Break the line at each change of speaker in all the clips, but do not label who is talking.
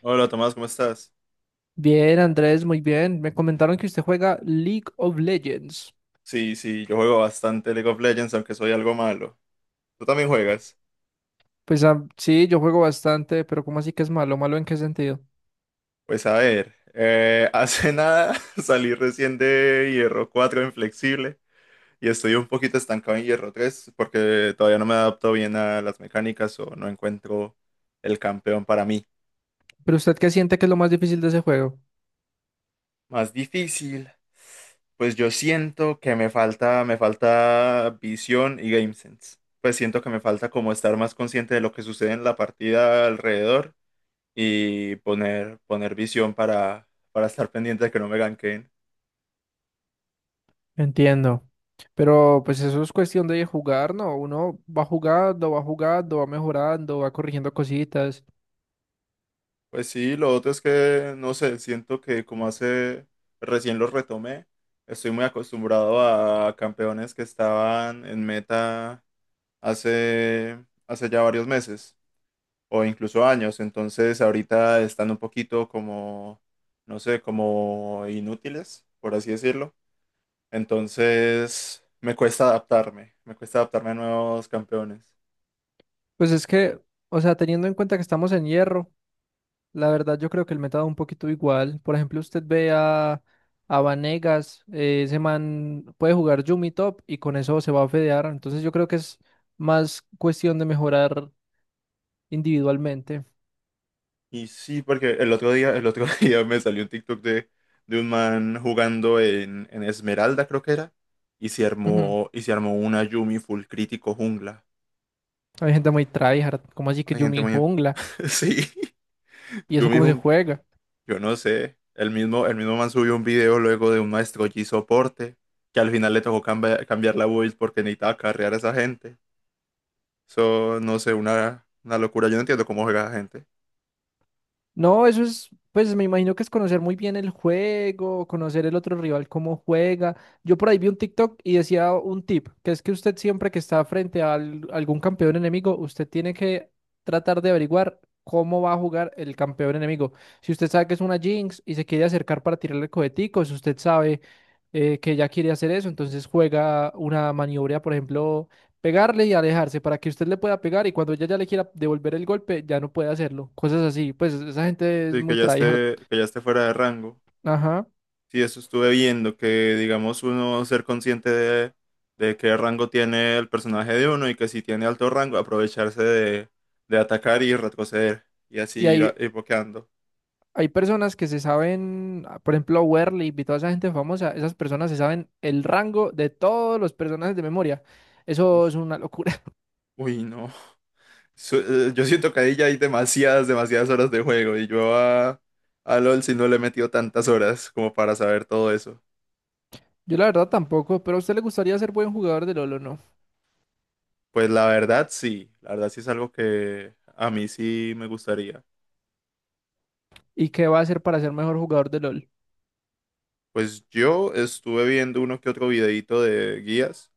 Hola Tomás, ¿cómo estás?
Bien, Andrés, muy bien. Me comentaron que usted juega League of Legends.
Sí, yo juego bastante League of Legends, aunque soy algo malo. ¿Tú también juegas?
Pues ah, sí, yo juego bastante, pero ¿cómo así que es malo? ¿Malo en qué sentido?
Pues a ver, hace nada salí recién de Hierro 4 inflexible y estoy un poquito estancado en Hierro 3 porque todavía no me adapto bien a las mecánicas o no encuentro el campeón para mí.
¿Pero usted qué siente que es lo más difícil de ese juego?
Más difícil, pues yo siento que me falta visión y game sense. Pues siento que me falta como estar más consciente de lo que sucede en la partida alrededor y poner visión para estar pendiente de que no me ganquen.
Entiendo. Pero pues eso es cuestión de jugar, ¿no? Uno va jugando, va jugando, va mejorando, va corrigiendo cositas.
Pues sí, lo otro es que, no sé, siento que como hace recién los retomé, estoy muy acostumbrado a campeones que estaban en meta hace, hace ya varios meses o incluso años, entonces ahorita están un poquito como, no sé, como inútiles, por así decirlo. Entonces me cuesta adaptarme a nuevos campeones.
Pues es que, o sea, teniendo en cuenta que estamos en hierro. La verdad, yo creo que el meta da un poquito igual. Por ejemplo, usted ve a Vanegas, ese man puede jugar Yumi top y con eso se va a fedear. Entonces, yo creo que es más cuestión de mejorar individualmente.
Y sí, porque el otro día me salió un TikTok de un man jugando en Esmeralda, creo que era, y
Ujú.
y se armó una Yumi full crítico jungla.
Hay gente muy tryhard, como así que
Hay gente
Yumi
muy...
jungla?
Sí,
¿Y eso
Yumi
cómo se
jungla.
juega?
Yo no sé. El mismo man subió un video luego de un maestro Yi soporte, que al final le tocó cambiar la build porque necesitaba carrear a esa gente. Eso, no sé, una locura. Yo no entiendo cómo juega la gente.
No, eso es, pues me imagino que es conocer muy bien el juego, conocer el otro rival cómo juega. Yo por ahí vi un TikTok y decía un tip, que es que usted siempre que está frente a algún campeón enemigo, usted tiene que tratar de averiguar cómo va a jugar el campeón enemigo. Si usted sabe que es una Jinx y se quiere acercar para tirarle coheticos, usted sabe que ya quiere hacer eso, entonces juega una maniobra, por ejemplo pegarle y alejarse para que usted le pueda pegar y cuando ella ya le quiera devolver el golpe, ya no puede hacerlo. Cosas así. Pues esa gente es
Sí,
muy tryhard.
que ya esté fuera de rango.
Ajá.
Sí, eso estuve viendo, que digamos uno ser consciente de qué rango tiene el personaje de uno y que si tiene alto rango aprovecharse de atacar y retroceder y así
Y
ir,
hay,
ir boqueando.
hay personas que se saben, ah, por ejemplo, Werlip y toda esa gente famosa, esas personas se saben el rango de todos los personajes de memoria. Eso es
Ush.
una locura.
Uy, no. Yo siento que ahí ya hay demasiadas horas de juego y yo a LOL si no le he metido tantas horas como para saber todo eso.
Yo la verdad tampoco, pero a usted le gustaría ser buen jugador de LOL o no.
La verdad sí es algo que a mí sí me gustaría.
¿Y qué va a hacer para ser mejor jugador de LOL?
Pues yo estuve viendo uno que otro videito de guías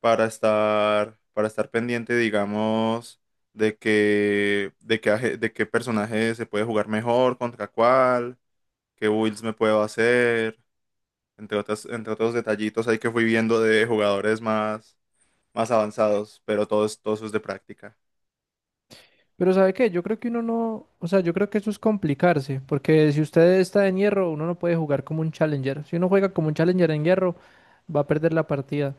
para estar pendiente, digamos, de qué de qué personaje se puede jugar mejor, contra cuál, qué builds me puedo hacer, entre otros detallitos ahí que fui viendo de jugadores más, más avanzados, pero todo eso es de práctica.
Pero ¿sabe qué? Yo creo que uno no, o sea, yo creo que eso es complicarse, porque si usted está en hierro, uno no puede jugar como un challenger. Si uno juega como un challenger en hierro, va a perder la partida.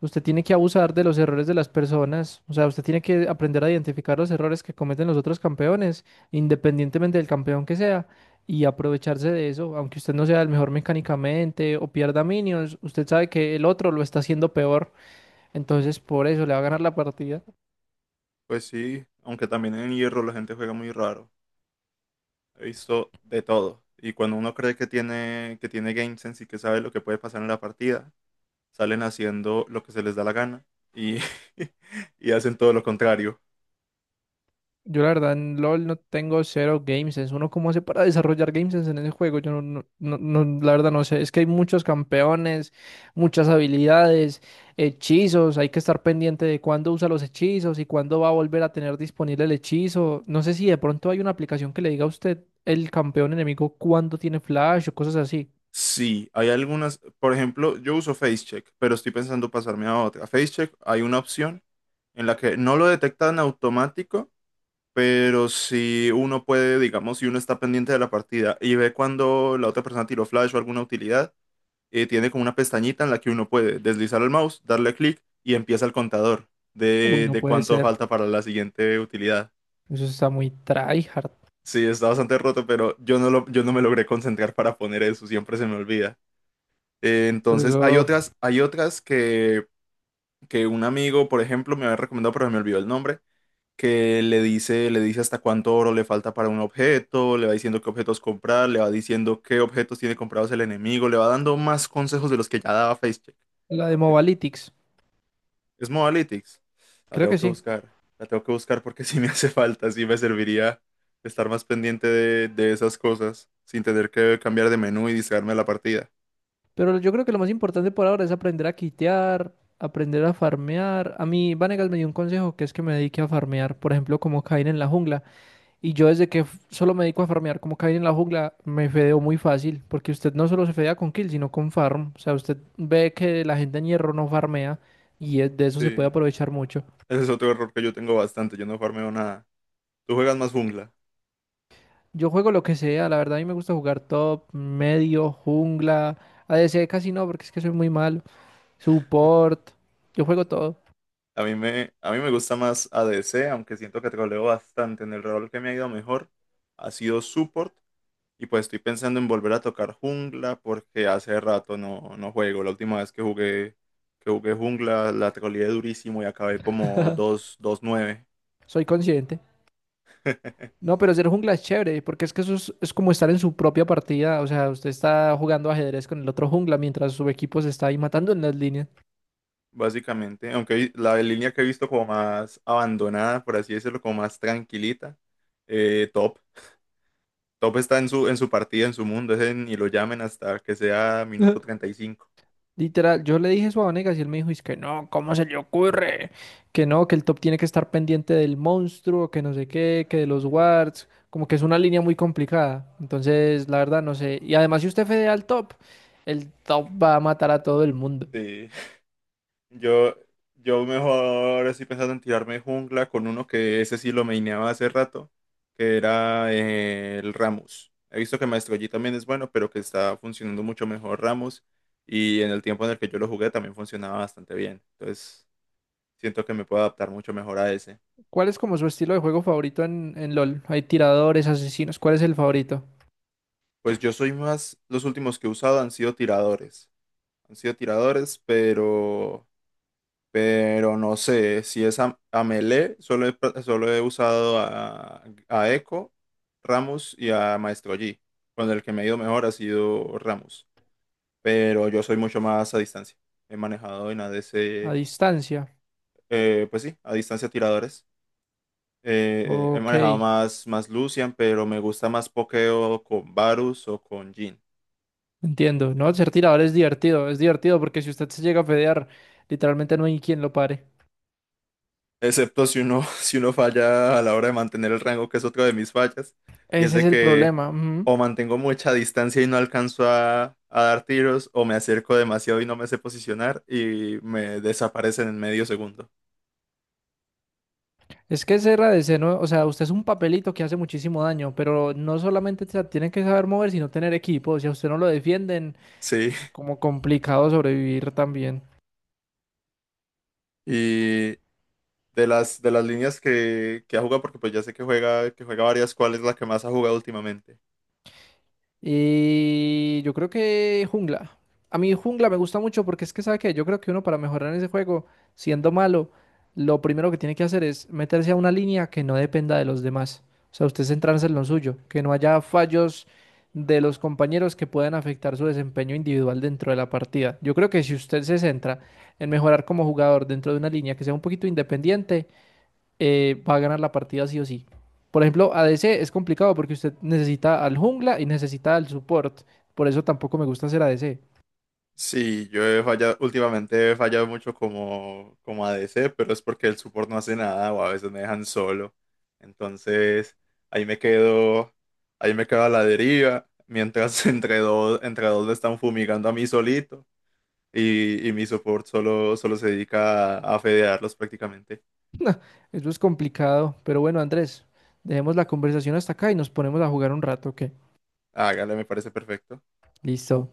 Usted tiene que abusar de los errores de las personas, o sea, usted tiene que aprender a identificar los errores que cometen los otros campeones, independientemente del campeón que sea, y aprovecharse de eso, aunque usted no sea el mejor mecánicamente o pierda minions, usted sabe que el otro lo está haciendo peor, entonces por eso le va a ganar la partida.
Pues sí, aunque también en hierro la gente juega muy raro. He visto de todo. Y cuando uno cree que que tiene game sense y que sabe lo que puede pasar en la partida, salen haciendo lo que se les da la gana y, y hacen todo lo contrario.
Yo la verdad en LOL no tengo cero game sense. ¿Uno cómo hace para desarrollar game sense en ese juego? Yo no, no, no, la verdad no sé. Es que hay muchos campeones, muchas habilidades, hechizos. Hay que estar pendiente de cuándo usa los hechizos y cuándo va a volver a tener disponible el hechizo. No sé si de pronto hay una aplicación que le diga a usted el campeón enemigo cuándo tiene flash o cosas así.
Sí, hay algunas, por ejemplo, yo uso FaceCheck, pero estoy pensando pasarme a otra. FaceCheck hay una opción en la que no lo detecta en automático, pero si uno puede, digamos, si uno está pendiente de la partida y ve cuando la otra persona tiró flash o alguna utilidad, tiene como una pestañita en la que uno puede deslizar el mouse, darle clic y empieza el contador
Uy, no
de
puede
cuánto
ser.
falta para la siguiente utilidad.
Eso está muy tryhard.
Sí, está bastante roto, pero yo no me logré concentrar para poner eso, siempre se me olvida. Eh,
Pero
entonces,
eso,
hay otras que un amigo, por ejemplo, me había recomendado, pero se me olvidó el nombre, que le dice hasta cuánto oro le falta para un objeto, le va diciendo qué objetos comprar, le va diciendo qué objetos tiene comprados el enemigo, le va dando más consejos de los que ya daba FaceCheck.
la de Mobalytics.
Es Modalytics. La
Creo
tengo
que
que
sí.
buscar. La tengo que buscar porque sí me hace falta, sí me serviría estar más pendiente de esas cosas sin tener que cambiar de menú y distraerme de la partida.
Pero yo creo que lo más importante por ahora es aprender a quitear, aprender a farmear. A mí Vanegas me dio un consejo que es que me dedique a farmear, por ejemplo, como Caín en la jungla. Y yo desde que solo me dedico a farmear como Caín en la jungla, me fedeo muy fácil, porque usted no solo se fedea con kill, sino con farm. O sea, usted ve que la gente en hierro no farmea y de eso
Sí,
se puede aprovechar mucho.
ese es otro error que yo tengo bastante. Yo no farmeo nada. Tú juegas más jungla.
Yo juego lo que sea, la verdad a mí me gusta jugar top, medio, jungla, ADC casi no, porque es que soy muy malo, support, yo juego todo.
A mí me gusta más ADC, aunque siento que troleo bastante. En el rol que me ha ido mejor ha sido support. Y pues estoy pensando en volver a tocar jungla porque hace rato no juego. La última vez que jugué jungla la troleé durísimo y acabé como 2/2/9.
Soy consciente. No, pero ser jungla es chévere, porque es que eso es como estar en su propia partida. O sea, usted está jugando ajedrez con el otro jungla mientras su equipo se está ahí matando en las líneas.
Básicamente. Aunque la línea que he visto como más abandonada, por así decirlo, como más tranquilita, top. Top está en en su partida, en su mundo, ese ni lo llamen hasta que sea minuto 35.
Literal, yo le dije eso a Vanegas y él me dijo, es que no, ¿cómo se le ocurre? Que no, que el top tiene que estar pendiente del monstruo, que no sé qué, que de los wards, como que es una línea muy complicada. Entonces, la verdad, no sé. Y además, si usted fedea al top, el top va a matar a todo el mundo.
Sí. Yo, yo mejor estoy pensando en tirarme jungla con uno que ese sí lo maineaba hace rato, que era el Ramus. He visto que Maestro Yi también es bueno, pero que está funcionando mucho mejor Ramus. Y en el tiempo en el que yo lo jugué también funcionaba bastante bien. Entonces, siento que me puedo adaptar mucho mejor a ese.
¿Cuál es como su estilo de juego favorito en LOL? Hay tiradores, asesinos, ¿cuál es el favorito?
Pues yo soy más, los últimos que he usado han sido tiradores. Han sido tiradores, pero no sé si es a Melee, solo he usado a Echo, Ramos y a Maestro Yi. Con el que me ha ido mejor ha sido Ramos. Pero yo soy mucho más a distancia. He manejado en A
A
ADC,
distancia.
pues sí, a distancia tiradores. He
Ok,
manejado más, más Lucian, pero me gusta más pokeo con Varus o con Jhin.
entiendo. No, ser tirador es divertido porque si usted se llega a fedear, literalmente no hay quien lo pare.
Excepto si uno, si uno falla a la hora de mantener el rango, que es otra de mis fallas, y es
Ese es
de
el
que
problema. Ujú.
o mantengo mucha distancia y no alcanzo a dar tiros, o me acerco demasiado y no me sé posicionar y me desaparecen en medio segundo.
Es que ese RDC, ¿no? O sea, usted es un papelito que hace muchísimo daño, pero no solamente se tiene que saber mover, sino tener equipo. Si a usted no lo defienden,
Sí,
como complicado sobrevivir también.
y de las líneas que ha jugado, porque pues ya sé que juega varias, ¿cuál es la que más ha jugado últimamente?
Y yo creo que jungla. A mí jungla me gusta mucho porque es que, ¿sabe qué? Yo creo que uno para mejorar en ese juego, siendo malo, lo primero que tiene que hacer es meterse a una línea que no dependa de los demás. O sea, usted centrarse en lo suyo, que no haya fallos de los compañeros que puedan afectar su desempeño individual dentro de la partida. Yo creo que si usted se centra en mejorar como jugador dentro de una línea que sea un poquito independiente, va a ganar la partida sí o sí. Por ejemplo, ADC es complicado porque usted necesita al jungla y necesita al support. Por eso tampoco me gusta hacer ADC.
Sí, yo he fallado, últimamente he fallado mucho como ADC, pero es porque el support no hace nada o a veces me dejan solo. Entonces, ahí me quedo, ahí me quedo a la deriva, mientras entre dos me están fumigando a mí solito y mi support solo se dedica a fedearlos prácticamente.
Eso es complicado. Pero bueno, Andrés, dejemos la conversación hasta acá y nos ponemos a jugar un rato, ¿ok?
Hágale, me parece perfecto.
Listo.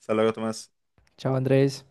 Hasta luego, Tomás.
Chao, Andrés.